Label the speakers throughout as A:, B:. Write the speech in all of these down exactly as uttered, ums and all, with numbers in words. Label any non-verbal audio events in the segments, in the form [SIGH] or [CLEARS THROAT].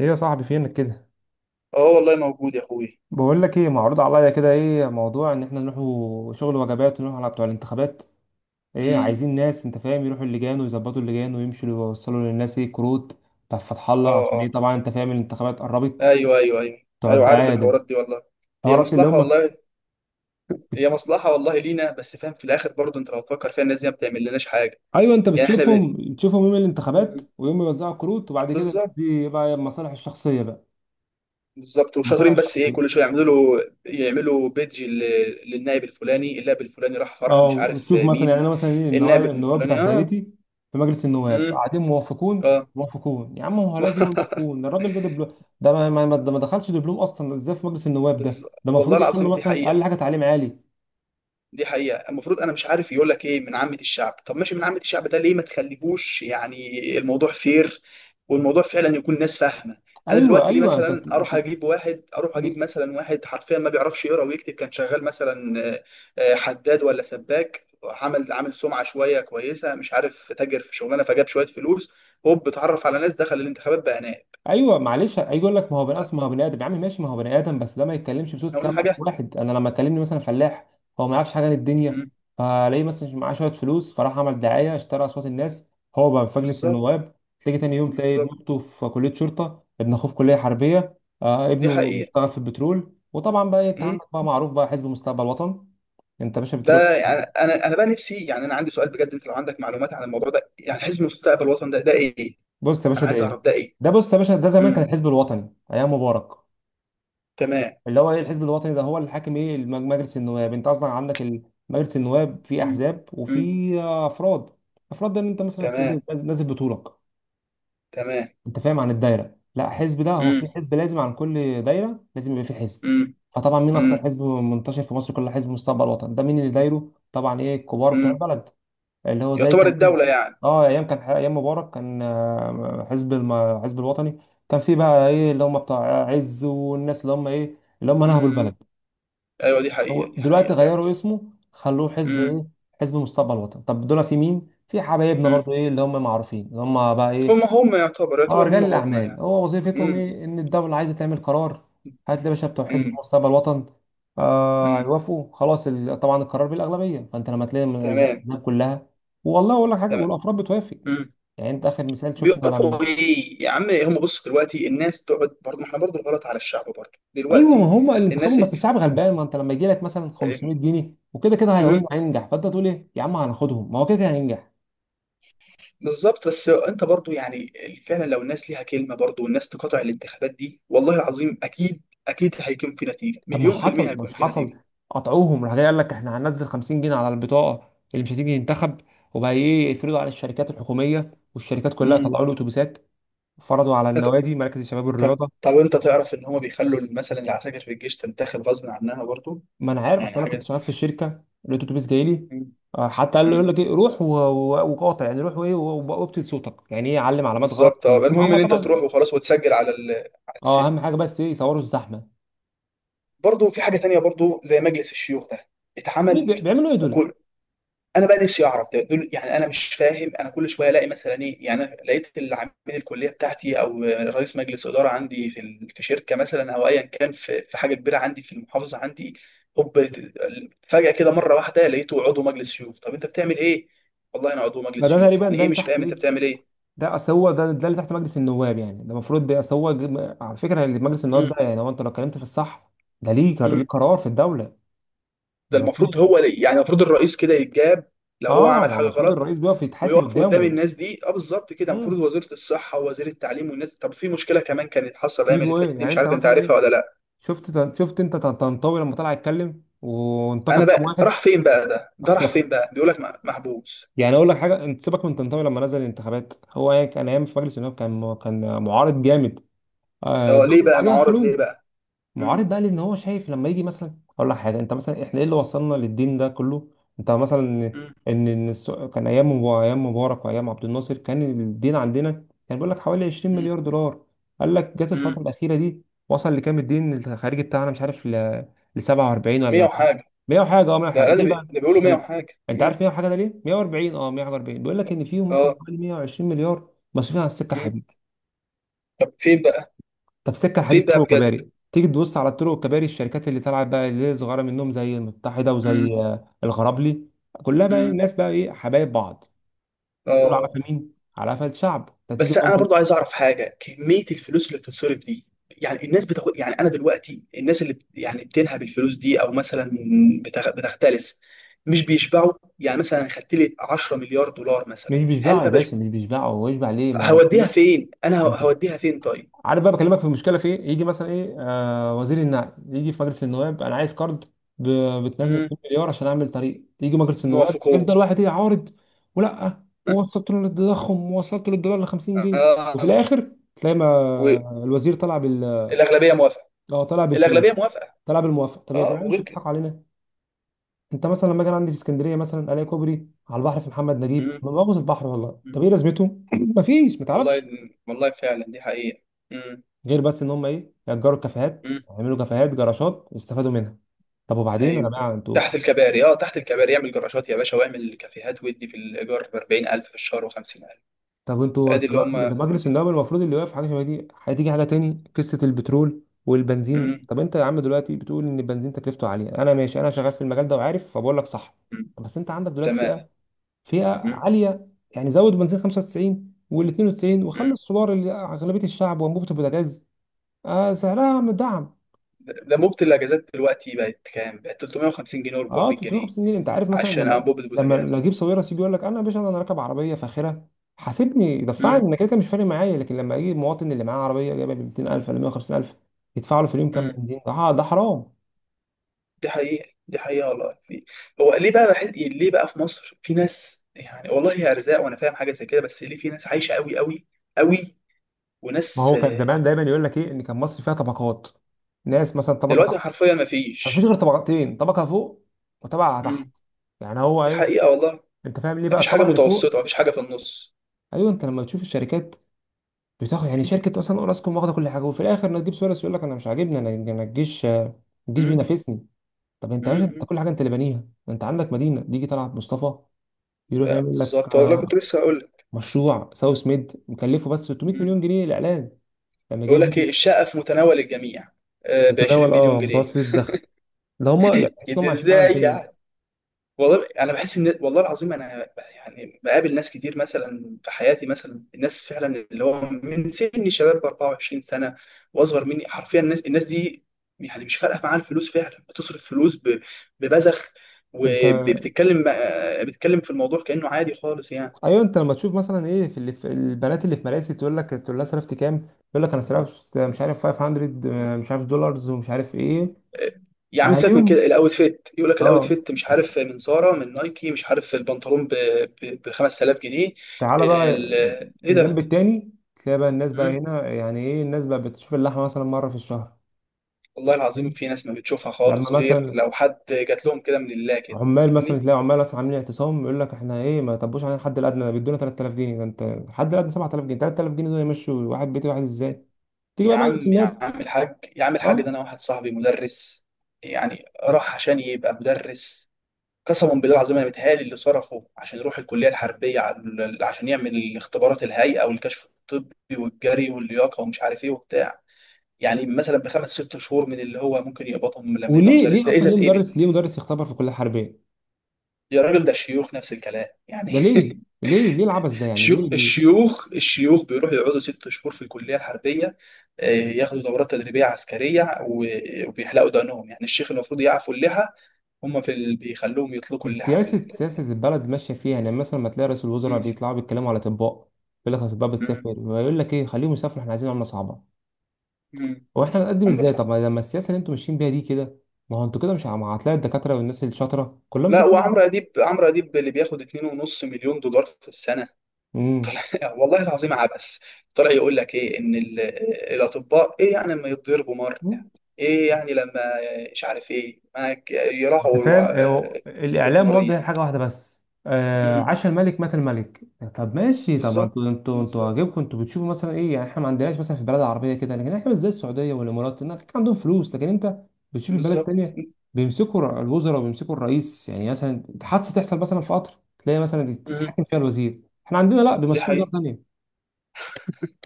A: ايه يا صاحبي فينك كده.
B: اه، والله موجود يا اخوي.
A: بقول لك ايه، معروض عليا كده ايه موضوع ان احنا نروحوا شغل وجبات ونروح على بتوع الانتخابات. ايه
B: امم.
A: عايزين ناس انت فاهم يروحوا اللجان ويظبطوا اللجان ويمشوا يوصلوا للناس ايه كروت بتاع فتح
B: اه،
A: الله، عشان ايه؟
B: اه.
A: طبعا انت فاهم الانتخابات قربت.
B: ايوه، ايوه، ايوه،
A: بتوع
B: ايوه، عارف
A: الدعايه ده،
B: الحوارات دي والله. هي
A: الحوارات اللي
B: مصلحه
A: هم.
B: والله. هي مصلحه والله لينا، بس فاهم في الاخر برضه، انت لو تفكر فيها الناس دي ما بتعمل لناش حاجه.
A: ايوه انت
B: يعني احنا ب...
A: بتشوفهم بتشوفهم يوم الانتخابات
B: مم.
A: ويوم يوزعوا كروت، وبعد كده
B: بالظبط.
A: دي بقى المصالح الشخصيه بقى.
B: بالظبط
A: المصالح
B: وشاطرين، بس ايه
A: الشخصيه.
B: كل شويه يعملوا له، يعملوا بيدج لل- للنائب الفلاني، النائب الفلاني راح فرح مش
A: اه
B: عارف
A: شوف مثلا، يعني
B: مين.
A: انا مثلا ايه
B: النائب
A: النواب النواب بتاع
B: الفلاني. اه.
A: دايرتي في مجلس النواب،
B: امم.
A: قاعدين
B: اه.
A: موافقون موافقون. يا عم هو لازم يقول
B: [LAUGHS]
A: موافقون، الراجل ده دبلوم. ده ما, ما, ما ده ما دخلش دبلوم اصلا، ازاي في مجلس النواب ده؟
B: بز...
A: ده
B: والله
A: المفروض يحل
B: العظيم دي
A: مثلا اقل
B: حقيقه.
A: حاجه تعليم عالي.
B: دي حقيقة، المفروض أنا مش عارف يقول لك إيه، من عامة الشعب؟ طب ماشي من عامة الشعب، ده ليه ما تخليهوش يعني الموضوع فير، والموضوع فعلا يكون ناس فاهمة. أنا
A: ايوه
B: دلوقتي ليه
A: ايوه انت.
B: مثلا أروح أجيب واحد، أروح أجيب مثلا واحد حرفيا ما بيعرفش يقرأ ويكتب، كان شغال مثلا آه، آه، حداد ولا سباك، عمل عامل سمعة شوية كويسة، مش عارف تاجر في شغلانة فجاب شوية فلوس، هوب اتعرف على ناس، دخل الانتخابات بقى نائب.
A: ايوه معلش، هيجي يقول لك ما هو بني ادم، ما هو بني ادم يا عم، ماشي ما هو بني ادم، بس ده ما يتكلمش بصوت
B: إحنا قلنا
A: كام الف
B: حاجة.
A: واحد. انا لما كلمني مثلا فلاح، هو ما يعرفش حاجه عن الدنيا،
B: مم.
A: فلاقيه مثلا معاه شويه فلوس فراح عمل دعايه، اشترى اصوات الناس، هو بقى في مجلس
B: بالظبط.
A: النواب. تلاقي تاني يوم، تلاقي ابن
B: بالظبط.
A: اخته في كليه شرطه، ابن اخوه في كليه حربيه، آه
B: دي
A: ابنه
B: حقيقة.
A: اشتغل في البترول، وطبعا بقى إيه، انت
B: مم.
A: عندك بقى معروف بقى حزب مستقبل وطن. انت يا باشا بتروح.
B: ده يعني انا انا بقى نفسي، يعني انا عندي سؤال بجد، انت لو عندك معلومات عن الموضوع ده، يعني حزب مستقبل الوطن ده ده ايه؟
A: بص يا
B: انا
A: باشا ده
B: عايز
A: ايه،
B: اعرف ده ايه؟
A: ده بص يا باشا، ده زمان كان
B: امم.
A: الحزب الوطني ايام مبارك.
B: تمام.
A: اللي هو ايه الحزب الوطني ده، هو اللي حاكم ايه الم- مجلس النواب. انت اصلا عندك ال- مجلس النواب في
B: امم.
A: احزاب
B: امم.
A: وفي افراد. افراد ده ان انت مثلا نازل
B: تمام.
A: نازل بطولك،
B: تمام.
A: انت فاهم، عن الدايره. لا حزب، ده هو
B: امم.
A: في حزب لازم عن كل دايره لازم يبقى في حزب.
B: امم.
A: فطبعا مين اكتر
B: امم.
A: حزب منتشر في مصر كلها؟ حزب مستقبل وطن. ده مين اللي دايره؟ طبعا ايه الكبار بتوع
B: امم.
A: البلد، اللي هو زي
B: يعتبر
A: كان.
B: الدولة يعني.
A: اه ايام كان ايام مبارك كان آه، حزب الم... حزب الوطني. كان في بقى ايه اللي هم بتوع عز والناس اللي هم ايه، اللي هم نهبوا البلد.
B: امم. ايوه، دي حقيقة،
A: هو
B: دي
A: دلوقتي
B: حقيقة فعلا.
A: غيروا اسمه خلوه حزب
B: امم.
A: ايه، حزب مستقبل الوطن. طب دول في مين؟ في حبايبنا
B: امم.
A: برضو ايه اللي هم معروفين اللي هم بقى
B: هم
A: ايه.
B: هم يعتبر،
A: اه
B: يعتبر
A: رجال
B: هم هم
A: الاعمال.
B: يعني.
A: هو وظيفتهم
B: امم.
A: ايه؟ ان الدوله عايزه تعمل قرار، هات لي يا باشا بتوع حزب
B: امم.
A: مستقبل الوطن، آه
B: امم.
A: هيوافقوا خلاص ال... طبعا القرار بالاغلبيه. فانت لما تلاقي من
B: تمام.
A: الاحزاب كلها، والله اقول لك حاجه، والافراد بتوافق.
B: تمام.
A: يعني انت اخر مثال شفنا لما.
B: بيقفوا ايه يا عم، هم بصوا دلوقتي الناس تقعد برضه، ما احنا برضه الغلط على الشعب برضه
A: ايوه، ما
B: دلوقتي
A: هم اللي انتخبهم،
B: الناس.
A: بس الشعب غلبان. ما انت لما يجي لك مثلا خمسمية جنيه وكده كده هي-
B: امم.
A: هينجح، فانت تقول ايه يا عم هناخدهم، ما هو كده كده هينجح.
B: بالظبط، بس انت برضه يعني، فعلا لو الناس ليها كلمه برضه والناس تقاطع الانتخابات دي، والله العظيم اكيد، اكيد هيكون في نتيجه،
A: طب ما
B: مليون في الميه
A: حصل
B: هيكون
A: مش
B: في
A: حصل،
B: نتيجه.
A: قطعوهم راح جاي قال لك احنا هننزل خمسين جنيه على البطاقه اللي مش هتيجي ينتخب. وبقى ايه يفرضوا على الشركات الحكوميه، والشركات كلها
B: امم.
A: طلعوا له اتوبيسات، فرضوا على النوادي مراكز الشباب
B: طب
A: والرياضه.
B: طب انت تعرف ان هم بيخلوا مثلا العساكر في الجيش تنتخب غصب عنها برضه،
A: ما انا عارف،
B: يعني
A: اصل انا
B: حاجه.
A: كنت شغال في الشركه لقيت اتوبيس جاي لي.
B: مم.
A: آه، حتى قال له، يقول
B: مم.
A: لك ايه روح و- و- وقاطع، يعني روح وايه و- وابتل صوتك، يعني ايه، علم علامات غلط
B: بالظبط. اه،
A: كتير
B: المهم
A: هم
B: ان انت
A: طبعا.
B: تروح وخلاص وتسجل على ال... على
A: اه اهم
B: السيستم.
A: حاجه بس ايه يصوروا الزحمه.
B: برضه في حاجه تانية برضه زي مجلس الشيوخ ده،
A: مين بي-
B: اتعمل
A: بيعملوا ايه دول؟
B: وكل. انا بقى نفسي اعرف ده، دول يعني انا مش فاهم، انا كل شويه الاقي مثلا ايه، يعني أنا لقيت العميد الكليه بتاعتي، او رئيس مجلس اداره عندي في ال- في شركه مثلا، او ايا كان في في حاجه كبيره عندي في المحافظه عندي، هوب فجاه كده مره واحده لقيته عضو مجلس شيوخ، طب انت بتعمل ايه؟ والله انا عضو
A: ما
B: مجلس
A: ده
B: شيوخ
A: تقريبا
B: يعني
A: ده
B: ايه،
A: اللي
B: مش
A: تحت
B: فاهم انت
A: ايه،
B: بتعمل ايه؟
A: ده اصل هو ده ده اللي تحت مجلس النواب، يعني ده المفروض بي- اصل هو جم- على فكره اللي في مجلس النواب ده، يعني هو انت لو اتكلمت في الصح، ده ليه قر- ليه
B: مم.
A: قرار في الدوله، ده
B: ده
A: ما فيش.
B: المفروض هو ليه، يعني المفروض الرئيس كده يتجاب لو هو
A: اه
B: عمل
A: ما هو
B: حاجه
A: المفروض
B: غلط،
A: الرئيس بيقف يتحاسب
B: ويقف قدام
A: قدامه.
B: الناس دي. اه، بالظبط كده المفروض
A: امم.
B: وزيره الصحه ووزير التعليم والناس. طب في مشكله كمان كانت حصل الايام اللي
A: يجوا
B: فاتت
A: ايه
B: دي،
A: يعني
B: مش
A: انت
B: عارف انت
A: مثلا ايه،
B: عارفها ولا لا.
A: شفت تن- شفت انت تن- طنطاوي لما طلع يتكلم وانتقد
B: انا
A: كام
B: بقى
A: واحد،
B: راح فين بقى، ده ده راح
A: اختفى.
B: فين بقى، بيقول لك م- محبوس.
A: يعني اقول لك حاجه، انت سيبك من طنطاوي، لما نزل الانتخابات هو يعني كان ايام في مجلس النواب، كان كان معارض جامد.
B: ده
A: آه،
B: هو
A: الدوله
B: ليه
A: اللي
B: بقى
A: بعديها
B: معارض ليه
A: شالوه.
B: بقى. امم.
A: معارض بقى لان هو شايف، لما يجي مثلا اقول لك حاجه، انت مثلا احنا ايه اللي وصلنا للدين ده كله؟ انت مثلا
B: امم.
A: ان ان الس- كان ايام مبا- ايام مبارك وايام عبد الناصر، كان الدين عندنا كان بيقول لك حوالي عشرين مليار دولار. قال لك جت الفتره
B: امم.
A: الاخيره دي، وصل لكام الدين الخارجي بتاعنا؟ مش عارف ل ل سبعة وأربعين
B: مية
A: ولا
B: وحاجه.
A: مية وحاجه. اه مية
B: ده
A: وحاجه
B: لا ده،
A: ليه
B: بي...
A: بقى،
B: ده بيقولوا مية
A: انت
B: وحاجه.
A: انت
B: امم.
A: عارف مية وحاجه ده ليه؟ مية وأربعين. اه مية وأربعين بيقول لك ان فيهم مثلا
B: اه.
A: حوالي مئة وعشرين مليار مصروفين على السكه.
B: امم. طب فين بقى.
A: طب سكه حديد،
B: فين
A: طرق
B: بقى بجد.
A: وكباري، تيجي تبص على الطرق والكباري الشركات اللي طلعت بقى، اللي هي صغيره منهم زي المتحده وزي
B: امم.
A: آه، الغرابلي، كلها بقى ايه
B: امم.
A: الناس بقى ايه حبايب بعض، كله على
B: اه.
A: قفا مين، على قفا الشعب. انت تيجي
B: بس
A: بقى
B: انا
A: انت.
B: برضو عايز اعرف حاجه، كميه الفلوس اللي بتتصرف دي، يعني الناس بتاخد يعني انا دلوقتي الناس اللي بت- يعني بتنهب الفلوس دي او مثلا بتغ- بتختلس، مش بيشبعوا. يعني مثلا خدت لي عشرة مليار دولار
A: مش
B: مثلا، هل
A: بيشبعوا يا
B: ما بش،
A: باشا، مش بيشبعوا، هو يشبع ليه؟ ما هو
B: هوديها
A: فلوس.
B: فين، انا ه-
A: انت
B: هوديها فين طيب.
A: عارف بقى، بكلمك في المشكله في ايه، يجي مثلا ايه آه وزير النقل يجي في مجلس النواب: انا عايز كارد ب اتنين
B: امم.
A: مليار عشان اعمل طريق. يجي مجلس النواب
B: موافقون.
A: يفضل واحد ايه عارض، ولا
B: [LAUGHS]
A: ووصلت له للتضخم ووصلت له الدولار ل خمسين جنيه، وفي
B: اه،
A: الاخر تلاقي ما الوزير طلع بال،
B: والاغلبيه موافقه.
A: اه طلع
B: الاغلبيه
A: بالفلوس،
B: موافقه.
A: طلع بالموافقه. طب يا
B: اه،
A: جدعان
B: وغير
A: انتوا
B: كده.
A: بتضحكوا علينا. انت مثلا لما كان عندي في اسكندريه، مثلا الاقي كوبري على البحر في محمد نجيب،
B: امم.
A: انا بغوص البحر والله، طب ايه لازمته؟ [CLEARS THROAT] مفيش، ما
B: والله،
A: تعرفش،
B: والله فعلا دي حقيقه.
A: غير بس ان هم ايه يأجروا الكافيهات،
B: امم.
A: يعملوا كافيهات جراشات يستفادوا منها. طب وبعدين يا
B: ايوه
A: جماعه انتوا،
B: تحت الكباري، اه تحت الكباري اعمل جراشات يا باشا، واعمل كافيهات وادي في الايجار ب اربعين الف في الشهر و50000.
A: طب انتوا
B: ادي اللي
A: سب-
B: هم
A: مجلس
B: محبين.
A: النواب المفروض اللي واقف حاجه شبه دي. هتيجي حاجه تاني، قصه البترول والبنزين.
B: امم.
A: طب انت يا عم دلوقتي بتقول ان البنزين تكلفته عاليه، انا ماشي، انا شغال في المجال ده وعارف، فبقول لك صح.
B: أمم.
A: بس انت عندك دلوقتي
B: تمام.
A: فئه، فئه
B: امم.
A: عاليه، يعني زود بنزين خمسة وتسعين وال اتنين وتسعين، وخلي
B: امم.
A: السولار اللي اغلبيه الشعب، وانبوبه البوتاجاز آه سعرها مدعم.
B: انبوبه الاجازات دلوقتي بقت كام؟ بقت تلتمية وخمسين جنيه
A: اه
B: و400 جنيه.
A: ثلاثمية وخمسين جنيه. انت عارف مثلا
B: عشان
A: لما
B: انبوبه
A: لما لو
B: البوتاجاز.
A: اجيب سويرة سي، بيقول لك انا يا باشا انا راكب عربيه فاخره، حاسبني دفعني
B: امم.
A: انا، كده كده مش فارق معايا. لكن لما اجي المواطن اللي معاه عربيه جايبه ب ميتين الف ولا مية وخمسين الف، يدفع له في اليوم كام
B: امم.
A: بنزين؟ ده ح- ده حرام.
B: دي حقيقه، دي حقيقه والله في. هو ليه بقى بحس ليه بقى في مصر في ناس، يعني والله هي ارزاق وانا فاهم حاجه زي كده، بس ليه في ناس عايشه قوي قوي قوي،
A: ما
B: وناس
A: هو كان
B: آه،
A: زمان دايما يقول لك ايه ان كان مصر فيها طبقات، ناس مثلا طبقه تحت.
B: دلوقتي حرفيا ما
A: ما فيش
B: فيش.
A: غير طبقتين، طبقه فوق وطبقه تحت. يعني هو
B: دي
A: ايه،
B: حقيقة والله.
A: انت فاهم ليه بقى
B: مفيش حاجة
A: الطبقه اللي فوق؟
B: متوسطة، مفيش حاجة في النص.
A: ايوه انت لما تشوف الشركات بتاخد، يعني شركة أصلا أوراسكوم واخدة كل حاجة، وفي الآخر نجيب سواريز يقول لك أنا مش عاجبني، أنا أنا الجيش، الجيش
B: امم.
A: بينافسني. طب أنت يا باشا أنت
B: امم.
A: كل حاجة أنت اللي بانيها. أنت عندك مدينة ديجي، طلعت مصطفى يروح
B: ده
A: يعمل لك
B: بالظبط والله كنت
A: آه،
B: لسه هقول لك.
A: مشروع ساوث ميد، مكلفه بس ستمية
B: مم.
A: مليون جنيه الإعلان، لما
B: يقول
A: جايب
B: لك
A: لي
B: ايه، الشقة في متناول الجميع ب عشرين
A: متناول،
B: مليون
A: أه
B: جنيه.
A: متوسط الدخل. ده هما يعني تحس إن هما
B: ده
A: عايشين في عالم
B: ازاي
A: تاني.
B: يعني. والله انا بحس ان والله العظيم انا، يعني بقابل ناس كتير مثلا في حياتي، مثلا الناس فعلا اللي هو من سن شباب ب اربعة وعشرين سنة واصغر مني حرفيا، الناس الناس دي يعني مش فارقة معاها الفلوس، فعلا بتصرف فلوس ب- ببذخ،
A: أنت،
B: وبتتكلم آه، بتتكلم في الموضوع كأنه عادي خالص يعني.
A: أيوه أنت لما تشوف مثلا إيه في، اللي في البنات اللي في مراسي، تقول لك، تقول لها صرفت كام، تقول لك أنا صرفت مش عارف خمسمية آه، مش عارف دولارز ومش عارف إيه.
B: يا عم سيبك من
A: أهاليهم.
B: كده، الاوت فيت يقول لك الاوت
A: أه
B: فيت، مش عارف من زارا من نايكي، مش عارف البنطلون ب خمس تلاف جنيه.
A: تعالى بقى
B: ال- ايه
A: الجنب
B: ده؟
A: التاني، تلاقي بقى الناس بقى
B: مم.
A: هنا يعني ايه، الناس بقى بتشوف اللحمه مثلا مره في الشهر.
B: والله العظيم في ناس ما بتشوفها
A: لما
B: خالص، غير
A: مثلا
B: لو حد جات لهم كده من الله كده،
A: عمال، مثلا
B: فاهمني؟
A: تلاقي عمال مثلا عاملين اعتصام، يقول لك احنا ايه ما طبوش علينا الحد الادنى، بيدونا تلات الاف جنيه، ده انت الحد الادنى سبعة الاف جنيه، تلات الاف جنيه دول يمشوا واحد بيت واحد ازاي؟ تيجي
B: يا
A: بقى مجلس
B: عم، يا
A: النواب.
B: عم الحاج، يا عم الحاج، ده
A: اه
B: انا واحد صاحبي مدرس، يعني راح عشان يبقى مدرس، قسما بالله العظيم انا متهيألي اللي صرفه عشان يروح الكليه الحربيه على- عشان يعمل اختبارات الهيئه والكشف الطبي والجري واللياقه ومش عارف ايه وبتاع، يعني مثلا بخمس ست شهور من اللي هو ممكن يقبضهم لما يبقى
A: وليه،
B: مدرس،
A: ليه
B: ده
A: اصلا
B: اذا
A: ليه
B: اتقبل.
A: مدرس، ليه مدرس يختبر في كليه حربيه؟
B: يا راجل ده الشيوخ نفس الكلام
A: ده
B: يعني.
A: ليه؟ ليه ليه العبث ده؟
B: [LAUGHS]
A: يعني
B: الشيوخ
A: ليه ليه؟
B: الشيوخ الشيوخ بيروحوا يقعدوا ست شهور في الكليه الحربيه، آه، ياخدوا دورات تدريبيه عسكريه، و- وبيحلقوا دقنهم، يعني الشيخ المفروض يعفوا اللحى، هم في ال... بيخلوهم يطلقوا اللحى في ال...
A: سياسة، سياسة البلد ماشية فيها، يعني مثلا ما تلاقي رئيس الوزراء
B: مم.
A: بيطلعوا بيتكلموا على أطباء، يقول لك الأطباء
B: مم.
A: بتسافر، ويقول لك إيه خليهم يسافروا، إحنا عايزين عملة صعبة.
B: مم.
A: هو إحنا هنقدم
B: عمرو
A: إزاي طب
B: صح.
A: ما لما السياسة اللي أنتوا ماشيين بيها دي كده، ما هو أنتوا كده مش عم- هتلاقي الدكاترة والناس الشاطرة كلهم
B: لا وعمرو
A: مسافرين.
B: اديب، عمرو اديب اللي بياخد اتنين ونص مليون دولار في السنه. لا، والله العظيم عبث. طلع يقول لك ايه ان ال- آه، الاطباء ايه يعني لما يتضربوا مره.
A: امم.
B: ايه يعني لما، مش عارف ايه معاك،
A: انت
B: يراعوا الو-
A: فاهم، هو
B: قدره
A: الاعلام
B: المريض.
A: موجه لحاجه واحده بس، آه
B: امم.
A: عاش الملك مات الملك. طب ماشي، طب ما
B: بالظبط،
A: انتوا انتوا انتوا
B: بالظبط،
A: واجبكم انتوا بتشوفوا مثلا ايه، يعني احنا ما عندناش مثلا في البلاد العربيه كده، لكن احنا مش زي السعوديه والامارات، هناك عندهم فلوس، لكن انت بتشوف البلد
B: بالظبط.
A: تانية، بيمسكوا ر- الوزراء وبيمسكوا الرئيس، يعني مثلا حادثه تحصل مثلا في قطر، تلاقي مثلا
B: امم.
A: تتحكم فيها الوزير. احنا عندنا لا
B: دي
A: بيمسكوا وزاره
B: حقيقة.
A: تانية،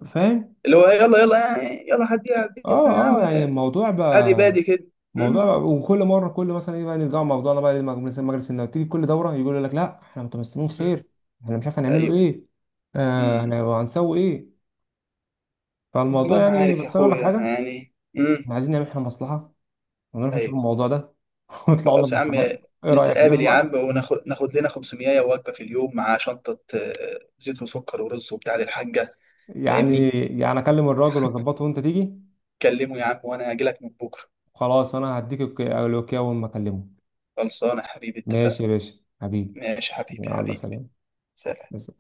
A: فاهم.
B: اللي هو يلا يلا، يعني يلا هديها هديها يا عم.
A: اه اه يعني الموضوع
B: عادي
A: بقى
B: بادي كده. امم.
A: موضوع، وكل مره كل مثلا ايه بقى، نرجع موضوعنا بقى لمجلس مجلس النواب، تيجي كل دوره يقول لك لا احنا متمسكين
B: أمم.
A: خير، احنا مش عارف هنعمله
B: ايوه.
A: ايه، آه هن-
B: امم.
A: هنسوي ايه. فالموضوع
B: والله ما
A: يعني،
B: عارف يا
A: بس انا اقول لك
B: اخويا
A: حاجه،
B: يعني
A: احنا
B: امم.
A: عايزين نعمل احنا مصلحه، ونروح نشوف
B: ايوه.
A: الموضوع ده. [LAUGHS] ونطلع لنا
B: خلاص يا عم.
A: مصلحه، ايه رايك؟ [LAUGHS] نروح
B: نتقابل يا
A: مع-
B: عم وناخد ناخد لنا خمسمية وجبة في اليوم، مع شنطة آه، زيت وسكر ورز وبتاع للحاجة،
A: يعني،
B: فاهمني.
A: يعني اكلم الراجل واظبطه وانت تيجي.
B: كلمه يا عم وانا اجي لك من بكرة.
A: خلاص انا هديك الك- الاوكي اول ما اكلمه.
B: خلصانة يا حبيبي اتفقنا.
A: ماشي يا باشا حبيبي.
B: ماشي يا حبيبي
A: يلا
B: حبيبي.
A: سلام.
B: سلام.
A: بس.